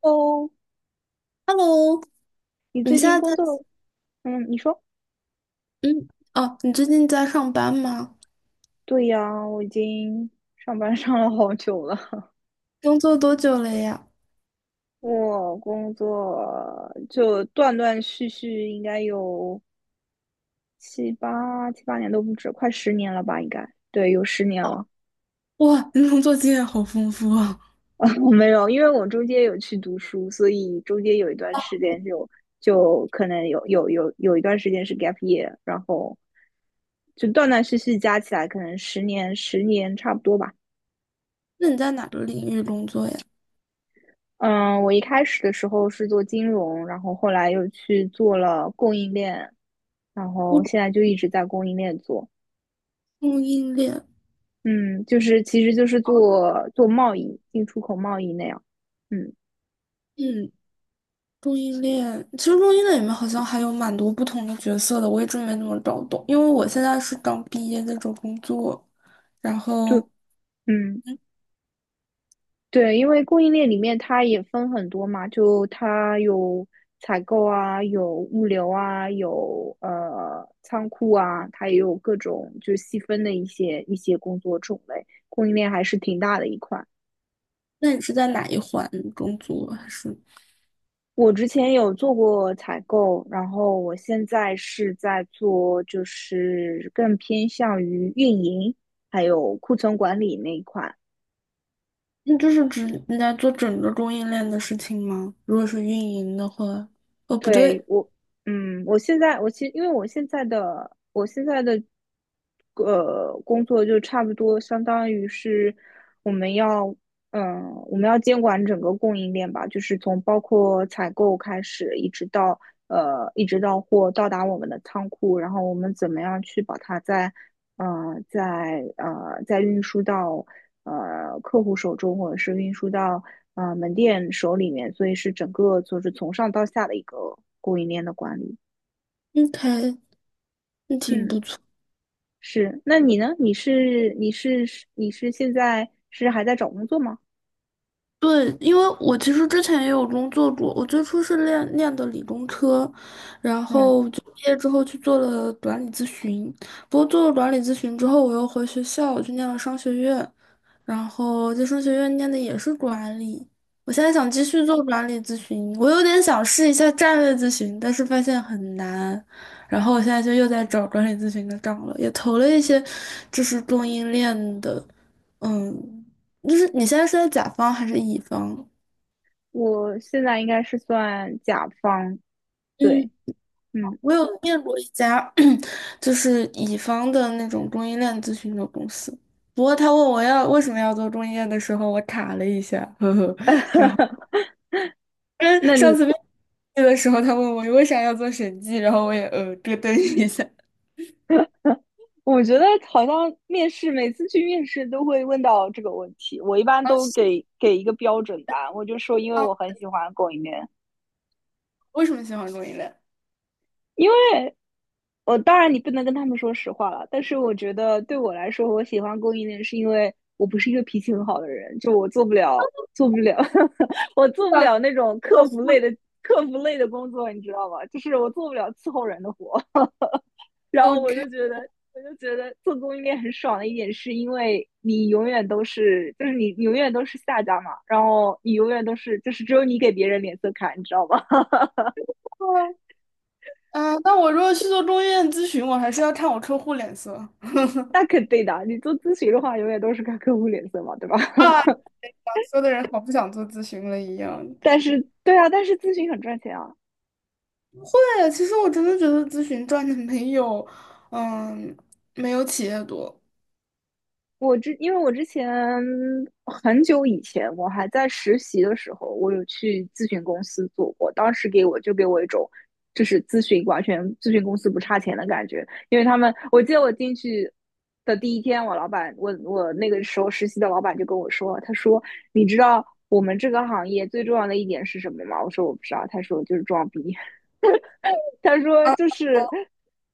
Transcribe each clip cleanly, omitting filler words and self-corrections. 哦，Hello，你你最现近在在。工作？嗯，你说？嗯。哦，你最近在上班吗？对呀，我已经上班上了好久了。工作多久了呀？我工作就断断续续，应该有七八年都不止，快十年了吧？应该，对，有十年了。哇，你工作经验好丰富啊！我没有，因为我中间有去读书，所以中间有一段时间就可能有一段时间是 gap year，然后就断断续续加起来，可能十年差不多吧。那你在哪个领域工作呀？嗯，我一开始的时候是做金融，然后后来又去做了供应链，然后现我在就一直在供应链做。供应链。嗯，就是其实就是做做贸易，进出口贸易那样。嗯，嗯，供应链，其实供应链里面好像还有蛮多不同的角色的，我一直没怎么搞懂，因为我现在是刚毕业在找工作，然就后，嗯嗯，对，因为供应链里面它也分很多嘛，就它有采购啊，有物流啊，有仓库啊，它也有各种就是细分的一些工作种类，供应链还是挺大的一块。那你是在哪一环工作啊？还是我之前有做过采购，然后我现在是在做，就是更偏向于运营还有库存管理那一块。那就是指你在做整个供应链的事情吗？如果是运营的话。哦，不对，对。我，我现在我其实因为我现在的工作就差不多相当于是我们要嗯我们要监管整个供应链吧，就是从包括采购开始，一直到货到达我们的仓库，然后我们怎么样去把它在在运输到客户手中，或者是运输到门店手里面，所以是整个就是从上到下的一个供应链的管理。嗯。还那挺嗯，不错。是。那你呢？你现在是还在找工作吗？对，因为我其实之前也有工作过，我最初是练的理工科，然嗯，后就毕业之后去做了管理咨询。不过做了管理咨询之后，我又回学校，去念了商学院，然后在商学院念的也是管理。我现在想继续做管理咨询，我有点想试一下战略咨询，但是发现很难。然后我现在就又在找管理咨询的岗了，也投了一些就是供应链的。嗯，就是你现在是在甲方还是乙方？我现在应该是算甲方，嗯，对，嗯。我有面过一家 就是乙方的那种供应链咨询的公司，不过他问我要为什么要做供应链的时候，我卡了一下，呵呵，那因上你次面试的时候他问我为啥要做审计，然后我也咯噔一下。我觉得好像面试每次去面试都会问到这个问题，我一般都给一个标准答案，我就说因为啊，我很喜欢供应链，为什么喜欢供应链？因为我当然你不能跟他们说实话了，但是我觉得对我来说，我喜欢供应链是因为我不是一个脾气很好的人，就我做不了，我做不我想了那种做客服类互。 的客服类的工作，你知道吗？就是我做不了伺候人的活。然后 OK。 我就觉得，我就觉得做供应链很爽的一点，是因为你永远都是，就是你永远都是下家嘛，然后你永远都是，就是只有你给别人脸色看，你知道吗？啊，那我如果去做供应链咨询，我还是要看我客户脸色那肯定的，你做咨询的话，永远都是看客户脸色嘛，对吧？啊。说的人好不想做咨询了一样。但是，对啊，但是咨询很赚钱啊，对，其实我真的觉得咨询赚的没有，嗯，没有企业多。因为我之前很久以前，我还在实习的时候，我有去咨询公司做过，当时给我一种，就是咨询公司不差钱的感觉，因为他们，我记得我进去的第一天，我老板，我那个时候实习的老板就跟我说，他说，你知道我们这个行业最重要的一点是什么吗？我说我不知道，他说就是装逼。他说就是，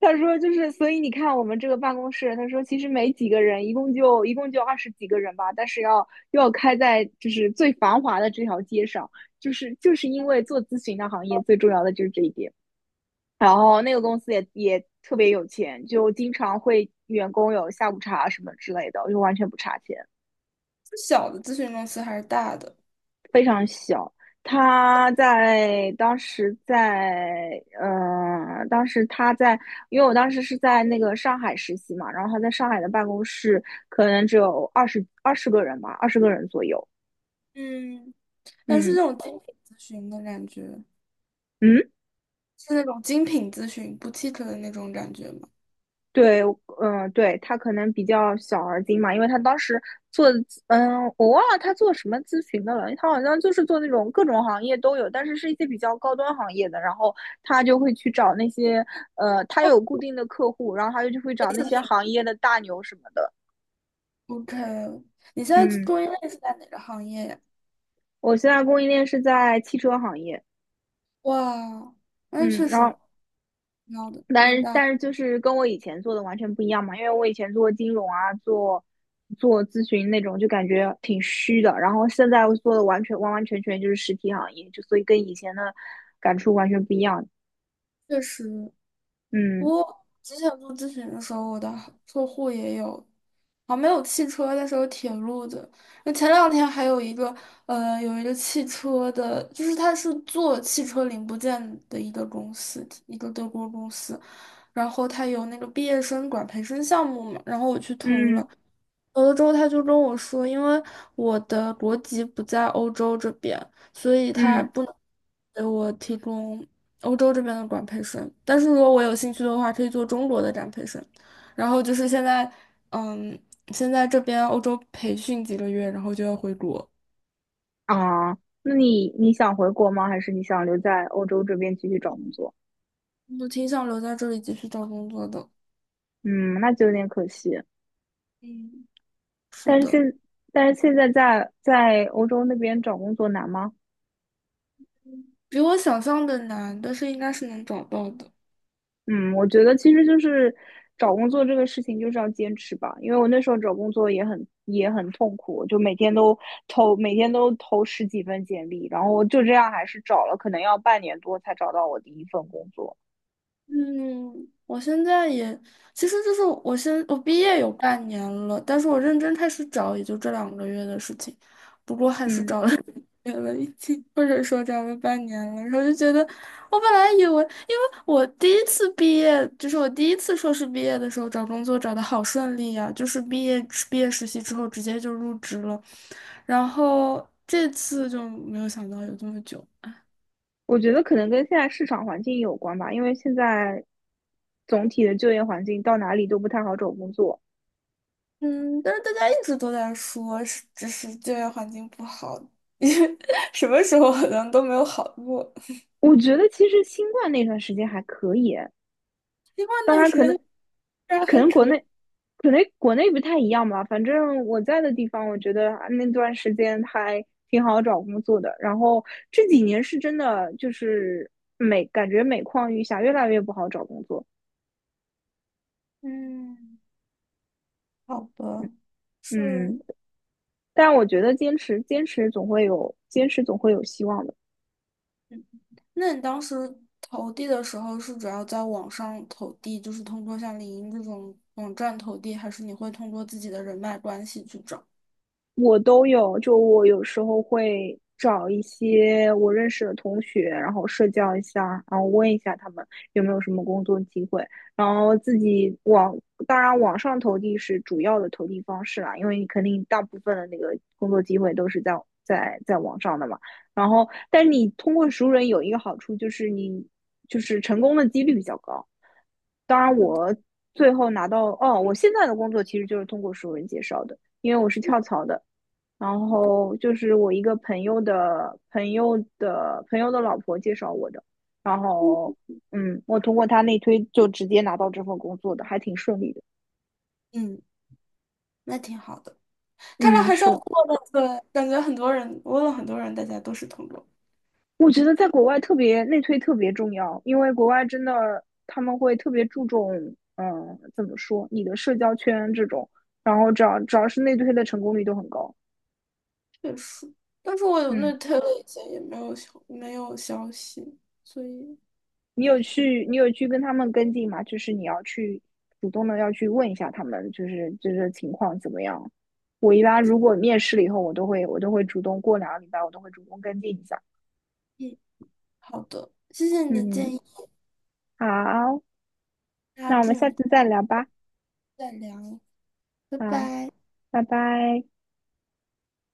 他说就是，所以你看我们这个办公室，他说其实没几个人，一共就20几个人吧，但是要又要开在就是最繁华的这条街上，就是因为做咨询的行业最重要的就是这一点。然后那个公司也特别有钱，就经常会员工有下午茶什么之类的，就完全不差钱。小的咨询公司还是大的？非常小。他在当时在嗯，当时他在，因为我当时是在那个上海实习嘛，然后他在上海的办公室可能只有二十个人吧，二十个人左右。嗯，但是嗯那种精品咨询的感觉，嗯，是那种精品咨询不 o u t i q 的那种感觉吗？对，嗯，对，他可能比较小而精嘛，因为他当时做的咨嗯，我忘了他做什么咨询的了，他好像就是做那种各种行业都有，但是是一些比较高端行业的，然后他就会去找那些，他有固定的客户，然后他就会找那次些品行业的大牛什么的。？OK，你现在嗯，做链是在哪个行业呀？我现在供应链是在汽车行业，哇，那嗯，确然实后挺好的，也但是大。但是就是跟我以前做的完全不一样嘛，因为我以前做金融啊，做咨询那种，就感觉挺虚的。然后现在我做的完完全全就是实体行业，就所以跟以前的感触完全不一样。确实。嗯我之前做咨询的时候，我的客户也有，啊，没有汽车，但是有铁路的。那前两天还有一个，呃，有一个汽车的，就是他是做汽车零部件的一个公司，一个德国公司。然后他有那个毕业生管培生项目嘛，然后我去投了。嗯有了之后，他就跟我说，因为我的国籍不在欧洲这边，所以他嗯不能给我提供欧洲这边的管培生。但是如果我有兴趣的话，可以做中国的展培生。然后就是现在，嗯，现在这边欧洲培训几个月，然后就要回国。啊，那你想回国吗？还是你想留在欧洲这边继续找工作？我挺想留在这里继续找工作的。嗯，那就有点可惜。嗯，是但是的。现但是现在在欧洲那边找工作难吗？比我想象的难，但是应该是能找到的。嗯，我觉得其实就是找工作这个事情就是要坚持吧，因为我那时候找工作也很痛苦，就每天都投10几份简历，然后就这样还是找了，可能要半年多才找到我第一份工作。嗯，我现在也，其实就是我毕业有半年了，但是我认真开始找也就这两个月的事情，不过还是嗯，找了 两个月了已经，或者说找了半年了，然后就觉得我本来以为，因为我第一次毕业，就是我第一次硕士毕业的时候找工作找的好顺利呀、就是毕业实习之后直接就入职了，然后这次就没有想到有这么久。我觉得可能跟现在市场环境有关吧，因为现在总体的就业环境到哪里都不太好找工作。嗯，但是大家一直都在说，是只是就业环境不好，因为什么时候好像都没有好过。我觉得其实新冠那段时间还可以，因为那当段然时间这儿可还能国可以。内可能国内不太一样吧，反正我在的地方，我觉得啊那段时间还挺好找工作的。然后这几年是真的就是感觉每况愈下，越来越不好找工作。嗯，好吧，是。嗯，但我觉得坚持总会有希望的。嗯那你当时投递的时候是主要在网上投递，就是通过像领英这种网站投递，还是你会通过自己的人脉关系去找？我都有，就我有时候会找一些我认识的同学，然后社交一下，然后问一下他们有没有什么工作机会，然后自己网，当然网上投递是主要的投递方式啦，因为你肯定大部分的那个工作机会都是在网上的嘛。然后，但你通过熟人有一个好处就是你就是成功的几率比较高。当然，我最后拿到，哦，我现在的工作其实就是通过熟人介绍的，因为我是跳槽的。然后就是我一个朋友的朋友的朋友的老婆介绍我的，然后我通过他内推就直接拿到这份工作的，还挺顺利的。嗯，那挺好的。看来嗯，还是要是，过的，对，感觉很多人，我问了很多人，大家都是通过。我觉得在国外特别内推特别重要，因为国外真的他们会特别注重，嗯，怎么说，你的社交圈这种，然后只要是内推的成功率都很高。也是，但是我有那 嗯。t 了，l 以前也没有消息，所以。你有去跟他们跟进吗？就是你要去主动的要去问一下他们，就是情况怎么样。我一般如果面试了以后，我都会主动过2个礼拜，我都会主动跟进一下。嗯，好的，谢谢你的建嗯，议，好，那那我祝们下你次再聊吧。再聊，拜好，拜。拜拜。